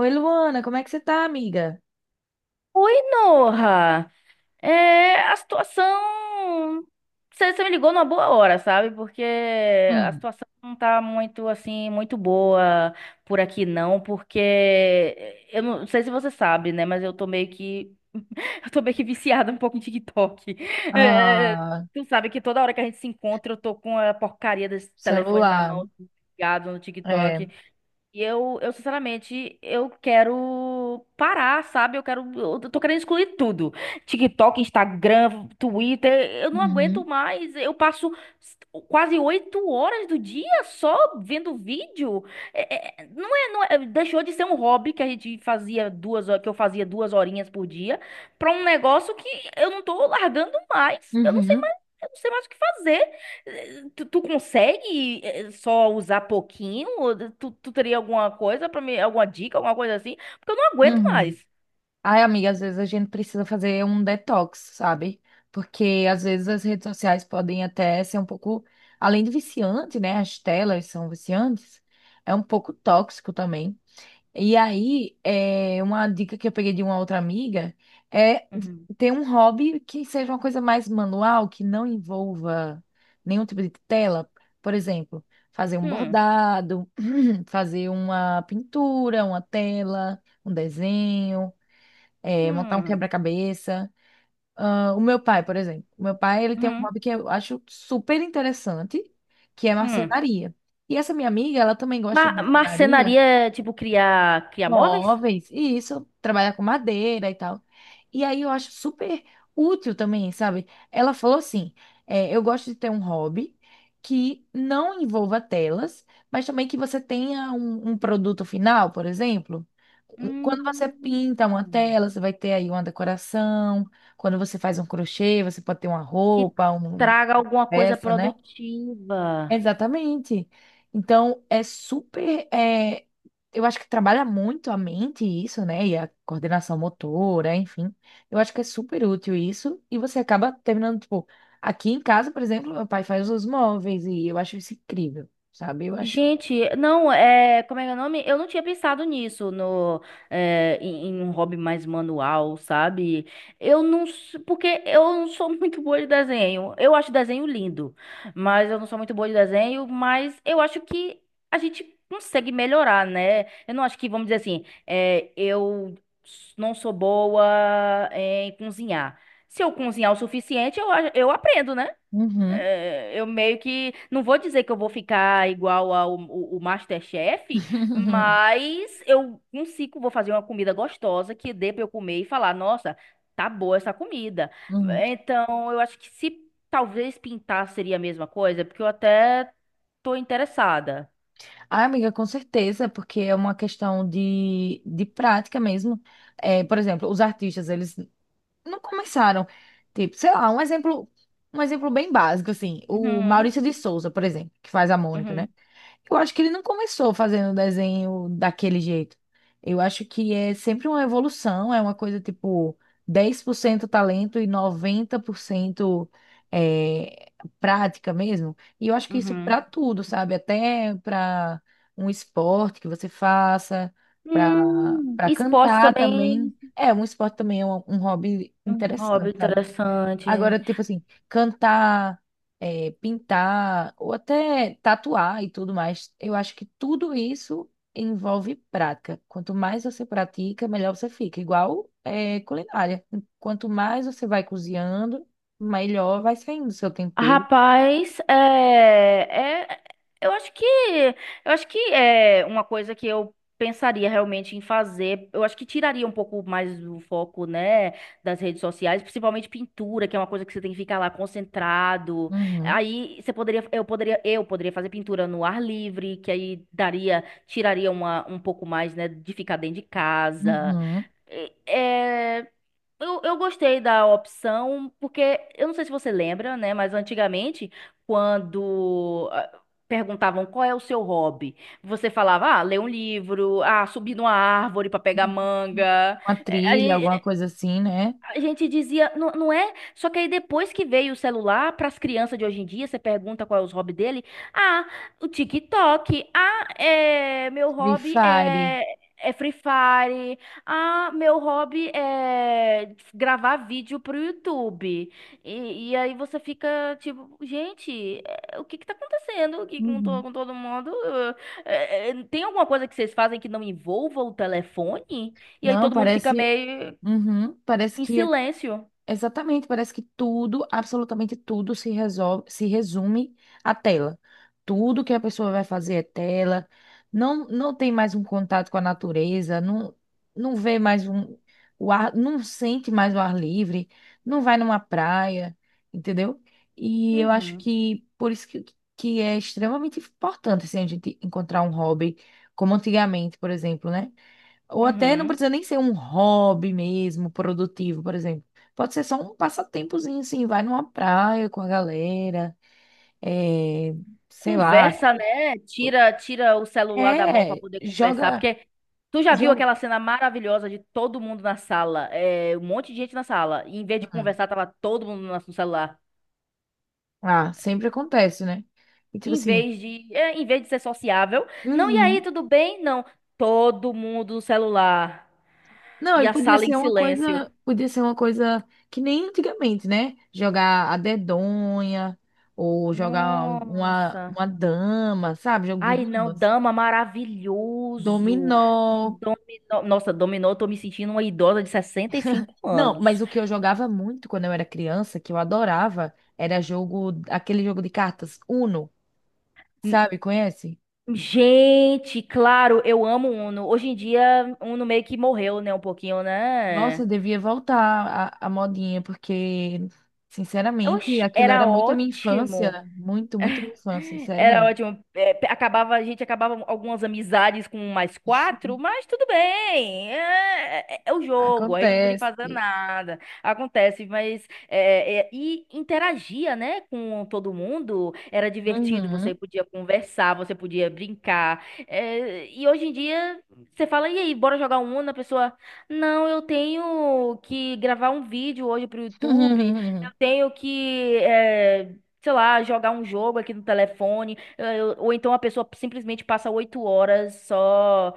Oi, Luana, como é que você tá, amiga? Oi, Norra. É, a situação. Você me ligou numa boa hora, sabe? Porque a Hum. situação não tá muito, assim, muito boa por aqui, não. Porque eu não sei se você sabe, né? Mas eu tô meio que. Eu tô meio que viciada um pouco em TikTok. É, Ah, tu sabe que toda hora que a gente se encontra, eu tô com a porcaria desse telefone na celular. mão, ligado no É. TikTok. E eu, sinceramente, eu quero parar, sabe? Eu quero. Eu tô querendo excluir tudo. TikTok, Instagram, Twitter. Eu não aguento Uhum. mais. Eu passo quase 8 horas do dia só vendo vídeo. É- é- é, não é, não é- deixou de ser um hobby que a gente fazia duas, ho- que eu fazia 2 horinhas por dia, pra um negócio que eu não tô largando mais. Eu não sei Uhum. mais, eu não sei mais o que fazer. Tu consegue só usar pouquinho? Ou tu teria alguma coisa alguma dica, alguma coisa assim? Porque eu não aguento Uhum. mais. Ai, amiga, às vezes a gente precisa fazer um detox, sabe? Porque às vezes as redes sociais podem até ser um pouco, além de viciante, né? As telas são viciantes, é um pouco tóxico também. E aí, uma dica que eu peguei de uma outra amiga é Uhum. ter um hobby que seja uma coisa mais manual, que não envolva nenhum tipo de tela. Por exemplo, fazer um Hum, bordado, fazer uma pintura, uma tela, um desenho, montar um hum, quebra-cabeça. Ah, o meu pai, por exemplo, o meu pai ele tem um hum, hobby que eu acho super interessante, que é hum. marcenaria. E essa minha amiga, ela também gosta de Ma marcenaria marcenaria, é, tipo, criar móveis? móveis, e isso, trabalhar com madeira e tal. E aí eu acho super útil também, sabe? Ela falou assim: é, eu gosto de ter um hobby que não envolva telas, mas também que você tenha um produto final, por exemplo. Um- Quando você Hum, pinta uma tela, você vai ter aí uma decoração. Quando você faz um crochê, você pode ter uma que roupa, um- traga uma alguma coisa peça, né? produtiva. Exatamente. Então, é super. Eu acho que trabalha muito a mente isso, né? E a coordenação motora, enfim. Eu acho que é super útil isso. E você acaba terminando, tipo, aqui em casa, por exemplo, meu pai faz os móveis e eu acho isso incrível, sabe? Eu acho. Gente, não, é, como é que é o nome? Eu não tinha pensado nisso no, é, em, em um hobby mais manual, sabe? Eu não, s- porque eu não sou muito boa de desenho. Eu acho desenho lindo, mas eu não sou muito boa de desenho, mas eu acho que a gente consegue melhorar, né? Eu não acho que, vamos dizer assim, eu não sou boa em cozinhar. Se eu cozinhar o suficiente, eu aprendo, né? Uhum. É, eu meio que. Não vou dizer que eu vou ficar igual ao o MasterChef, mas eu consigo, vou fazer uma comida gostosa que dê pra eu comer e falar, nossa, tá boa essa comida. Uhum. Então, eu acho que se talvez pintar seria a mesma coisa, porque eu até tô interessada. Ah, amiga, com certeza, porque é uma questão de prática mesmo. É, por exemplo, os artistas, eles não começaram. Tipo, sei lá, um exemplo bem básico, assim, o Uhum, Maurício de Souza, por exemplo, que faz a Mônica, uhum, né? Eu acho que ele não começou fazendo desenho daquele jeito. Eu acho que é sempre uma evolução, é uma coisa tipo 10% talento e 90% é, prática mesmo. E eu acho que isso uhum. para tudo, sabe? Até para um esporte que você faça, para para Esporte cantar também. também. É, um esporte também é um hobby Um hobby interessante, sabe? interessante. Agora, tipo assim, cantar, pintar, ou até tatuar e tudo mais, eu acho que tudo isso envolve prática. Quanto mais você pratica, melhor você fica. Igual, é culinária. Quanto mais você vai cozinhando, melhor vai saindo o seu tempero. Rapaz, eu acho que é uma coisa que eu pensaria realmente em fazer. Eu acho que tiraria um pouco mais do foco, né, das redes sociais, principalmente pintura, que é uma coisa que você tem que ficar lá concentrado. Uhum, Aí você poderia, eu poderia, eu poderia fazer pintura no ar livre, que aí tiraria um pouco mais, né, de ficar dentro de casa. uhum. é eu gostei da opção, porque eu não sei se você lembra, né? Mas antigamente, quando perguntavam qual é o seu hobby, você falava, ah, ler um livro, ah, subir numa árvore para pegar manga. Uma trilha, alguma coisa assim, né? A gente dizia, não, não é? Só que aí depois que veio o celular, para as crianças de hoje em dia, você pergunta qual é os hobby dele. Ah, o TikTok. Ah, é, meu Free hobby Fire. é Free Fire. Ah, meu hobby é gravar vídeo pro YouTube. E aí você fica tipo, gente, o que que tá acontecendo aqui Uhum. com todo mundo? Tem alguma coisa que vocês fazem que não envolva o telefone? E aí Não, todo mundo fica parece. meio Uhum, parece em que é silêncio. exatamente, parece que tudo, absolutamente tudo se resolve, se resume à tela. Tudo que a pessoa vai fazer é tela. Não, não tem mais um contato com a natureza, não, não vê mais um, o ar, não sente mais o ar livre, não vai numa praia, entendeu? E eu acho Uhum, que por isso que é extremamente importante assim, a gente encontrar um hobby, como antigamente, por exemplo, né? Ou até não uhum. precisa nem ser um hobby mesmo, produtivo, por exemplo. Pode ser só um passatempozinho, assim, vai numa praia com a galera, é, sei lá, Conversa, né? Tira o celular da mão pra é, poder conversar, joga, porque tu já viu joga. aquela cena maravilhosa de todo mundo na sala, um monte de gente na sala, e em vez de Hum. conversar, tava todo mundo no celular. Ah, sempre acontece, né? E tipo Em assim, vez de, é, em vez de ser sociável, não, e aí, uhum. tudo bem? Não, todo mundo no celular Não, e e a podia sala em ser uma silêncio. coisa, podia ser uma coisa que nem antigamente, né? Jogar a dedonha, ou jogar Nossa. uma dama, sabe? Jogo de Ai, não, damas. dama, maravilhoso. Um Dominó. dominó. Nossa, dominó, eu tô me sentindo uma idosa de 65 Não, mas anos. o que eu jogava muito quando eu era criança, que eu adorava, era jogo, aquele jogo de cartas Uno, N- sabe? Conhece? Gente, claro, eu amo Uno. Hoje em dia, Uno meio que morreu, né? Um pouquinho, Nossa, eu né? devia voltar a modinha, porque, sinceramente, Oxi, aquilo era era muito a minha ótimo. infância, muito, muito minha infância, sério Era mesmo. ótimo. É, a gente acabava algumas amizades com mais quatro, mas tudo bem. É o jogo, a gente não podia Acontece. fazer nada. Acontece, mas. E interagia, né, com todo mundo. Era divertido, Uhum. você podia conversar, você podia brincar. É, e hoje em dia, você fala, e aí, bora jogar um Uno? A pessoa, não, eu tenho que gravar um vídeo hoje pro YouTube. Eu tenho que. Sei lá, jogar um jogo aqui no telefone, ou então a pessoa simplesmente passa 8 horas só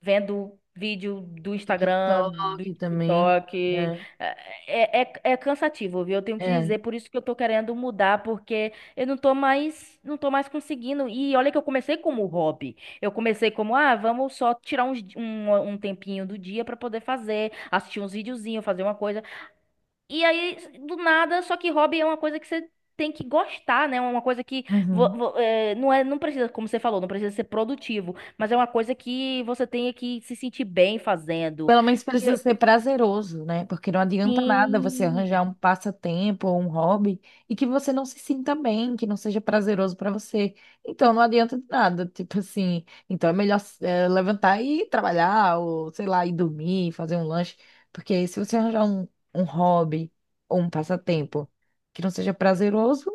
vendo vídeo do Instagram, TikTok do também, TikTok. é, É cansativo, viu? Eu tenho que te é. dizer, por isso que eu tô querendo mudar, porque eu não tô mais conseguindo. E olha que eu comecei como hobby. Eu comecei como, vamos só tirar um tempinho do dia pra poder fazer, assistir uns videozinhos, fazer uma coisa. E aí, do nada, só que hobby é uma coisa que você tem que gostar, né? Uma coisa que Uhum. Não precisa, como você falou, não precisa ser produtivo, mas é uma coisa que você tem que se sentir bem fazendo. Pelo menos E precisa ser prazeroso, né? Porque não adianta nada você assim, arranjar um passatempo ou um hobby e que você não se sinta bem, que não seja prazeroso para você. Então não adianta de nada, tipo assim. Então é melhor levantar e ir trabalhar, ou sei lá, ir dormir, fazer um lanche. Porque se você arranjar um hobby ou um passatempo que não seja prazeroso,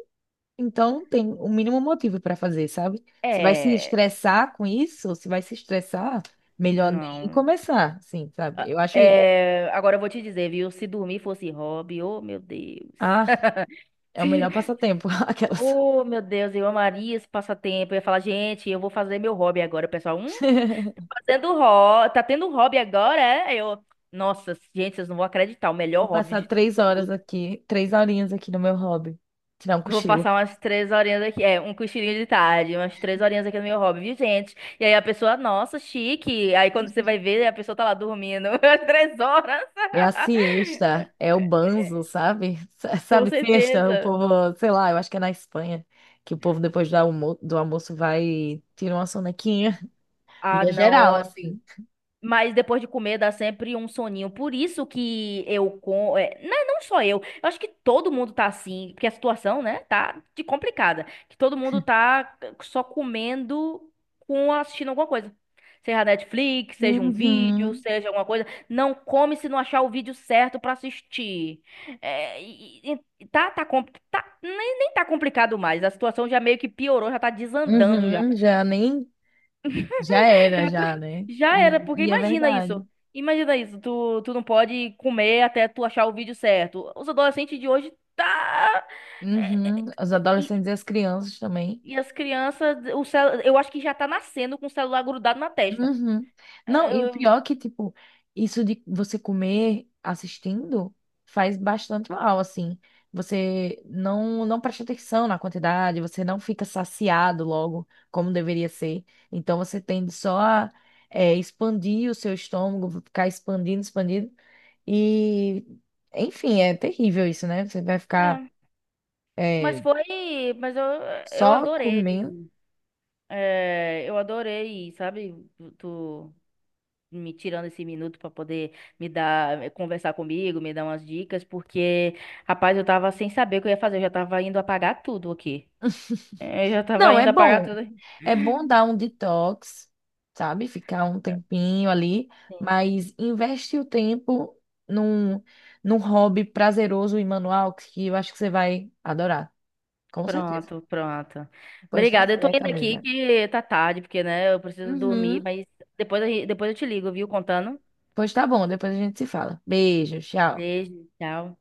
então tem o mínimo motivo para fazer, sabe? Você vai se é, estressar com isso? Se vai se estressar, melhor nem não. começar, sim, sabe? Eu acho, isso. É, agora eu vou te dizer, viu? Se dormir fosse hobby, oh meu Deus. Ah, é o melhor passatempo, aquelas. Oh, meu Deus, eu amaria esse passatempo. Eu ia falar, gente, eu vou fazer meu hobby agora, o pessoal. Fazendo hobby, tá tendo um hobby agora, é? Nossa, gente, vocês não vão acreditar, o melhor Vou hobby passar de 3 horas todos. aqui, três horinhas aqui no meu hobby, tirar um Vou cochilo. passar umas 3 horinhas aqui, um cochilinho de tarde, umas 3 horinhas aqui no meu hobby, viu, gente? E aí a pessoa, nossa, chique. Aí quando você vai ver, a pessoa tá lá dormindo, às 3 horas. É a siesta, é o banzo, sabe? S- Com Sabe, siesta, o certeza. povo, sei lá, eu acho que é na Espanha, que o povo depois do almo- do almoço vai tirar uma sonequinha. Ah, E é geral, não. assim. Mas depois de comer dá sempre um soninho. Por isso que eu não, não só eu, acho que todo mundo tá assim, porque a situação, né, tá de complicada, que todo mundo tá só comendo com assistindo alguma coisa. Seja Netflix, seja um vídeo, Uhum. seja alguma coisa, não come se não achar o vídeo certo pra assistir. Nem tá complicado mais. A situação já meio que piorou, já tá desandando já. Uhum, já nem já era Eu tô- já, né? Já era, porque E é imagina isso. verdade. Imagina isso, tu não pode comer até tu achar o vídeo certo. Os adolescentes de hoje tá. é, Uhum, os E, adolescentes e as crianças também. e as crianças, eu acho que já tá nascendo com o celular grudado na testa. Uhum. Não, É, e o eu- pior é que, tipo, isso de você comer assistindo faz bastante mal, assim. Você não, não presta atenção na quantidade, você não fica saciado logo, como deveria ser. Então você tende só a expandir o seu estômago, ficar expandindo, expandindo. E, enfim, é terrível isso, né? Você vai ficar é, Mas é, foi. Mas eu só adorei. comendo. É, eu adorei, sabe? Tu me tirando esse minuto pra poder conversar comigo, me dar umas dicas, porque, rapaz, eu tava sem saber o que eu ia fazer, eu já tava indo apagar tudo aqui. Eu já tava Não, é indo apagar bom. tudo. É bom dar um detox, sabe? Ficar um tempinho ali, mas investe o tempo num, num hobby prazeroso e manual que eu acho que você vai adorar, com certeza. Pronto, pronto. Pois tá Obrigada. Eu tô certo, indo amiga. aqui que tá tarde, porque, né, eu preciso dormir, Uhum. mas depois, depois eu te ligo, viu? Contando. Pois tá bom, depois a gente se fala. Beijo, tchau. Beijo, tchau.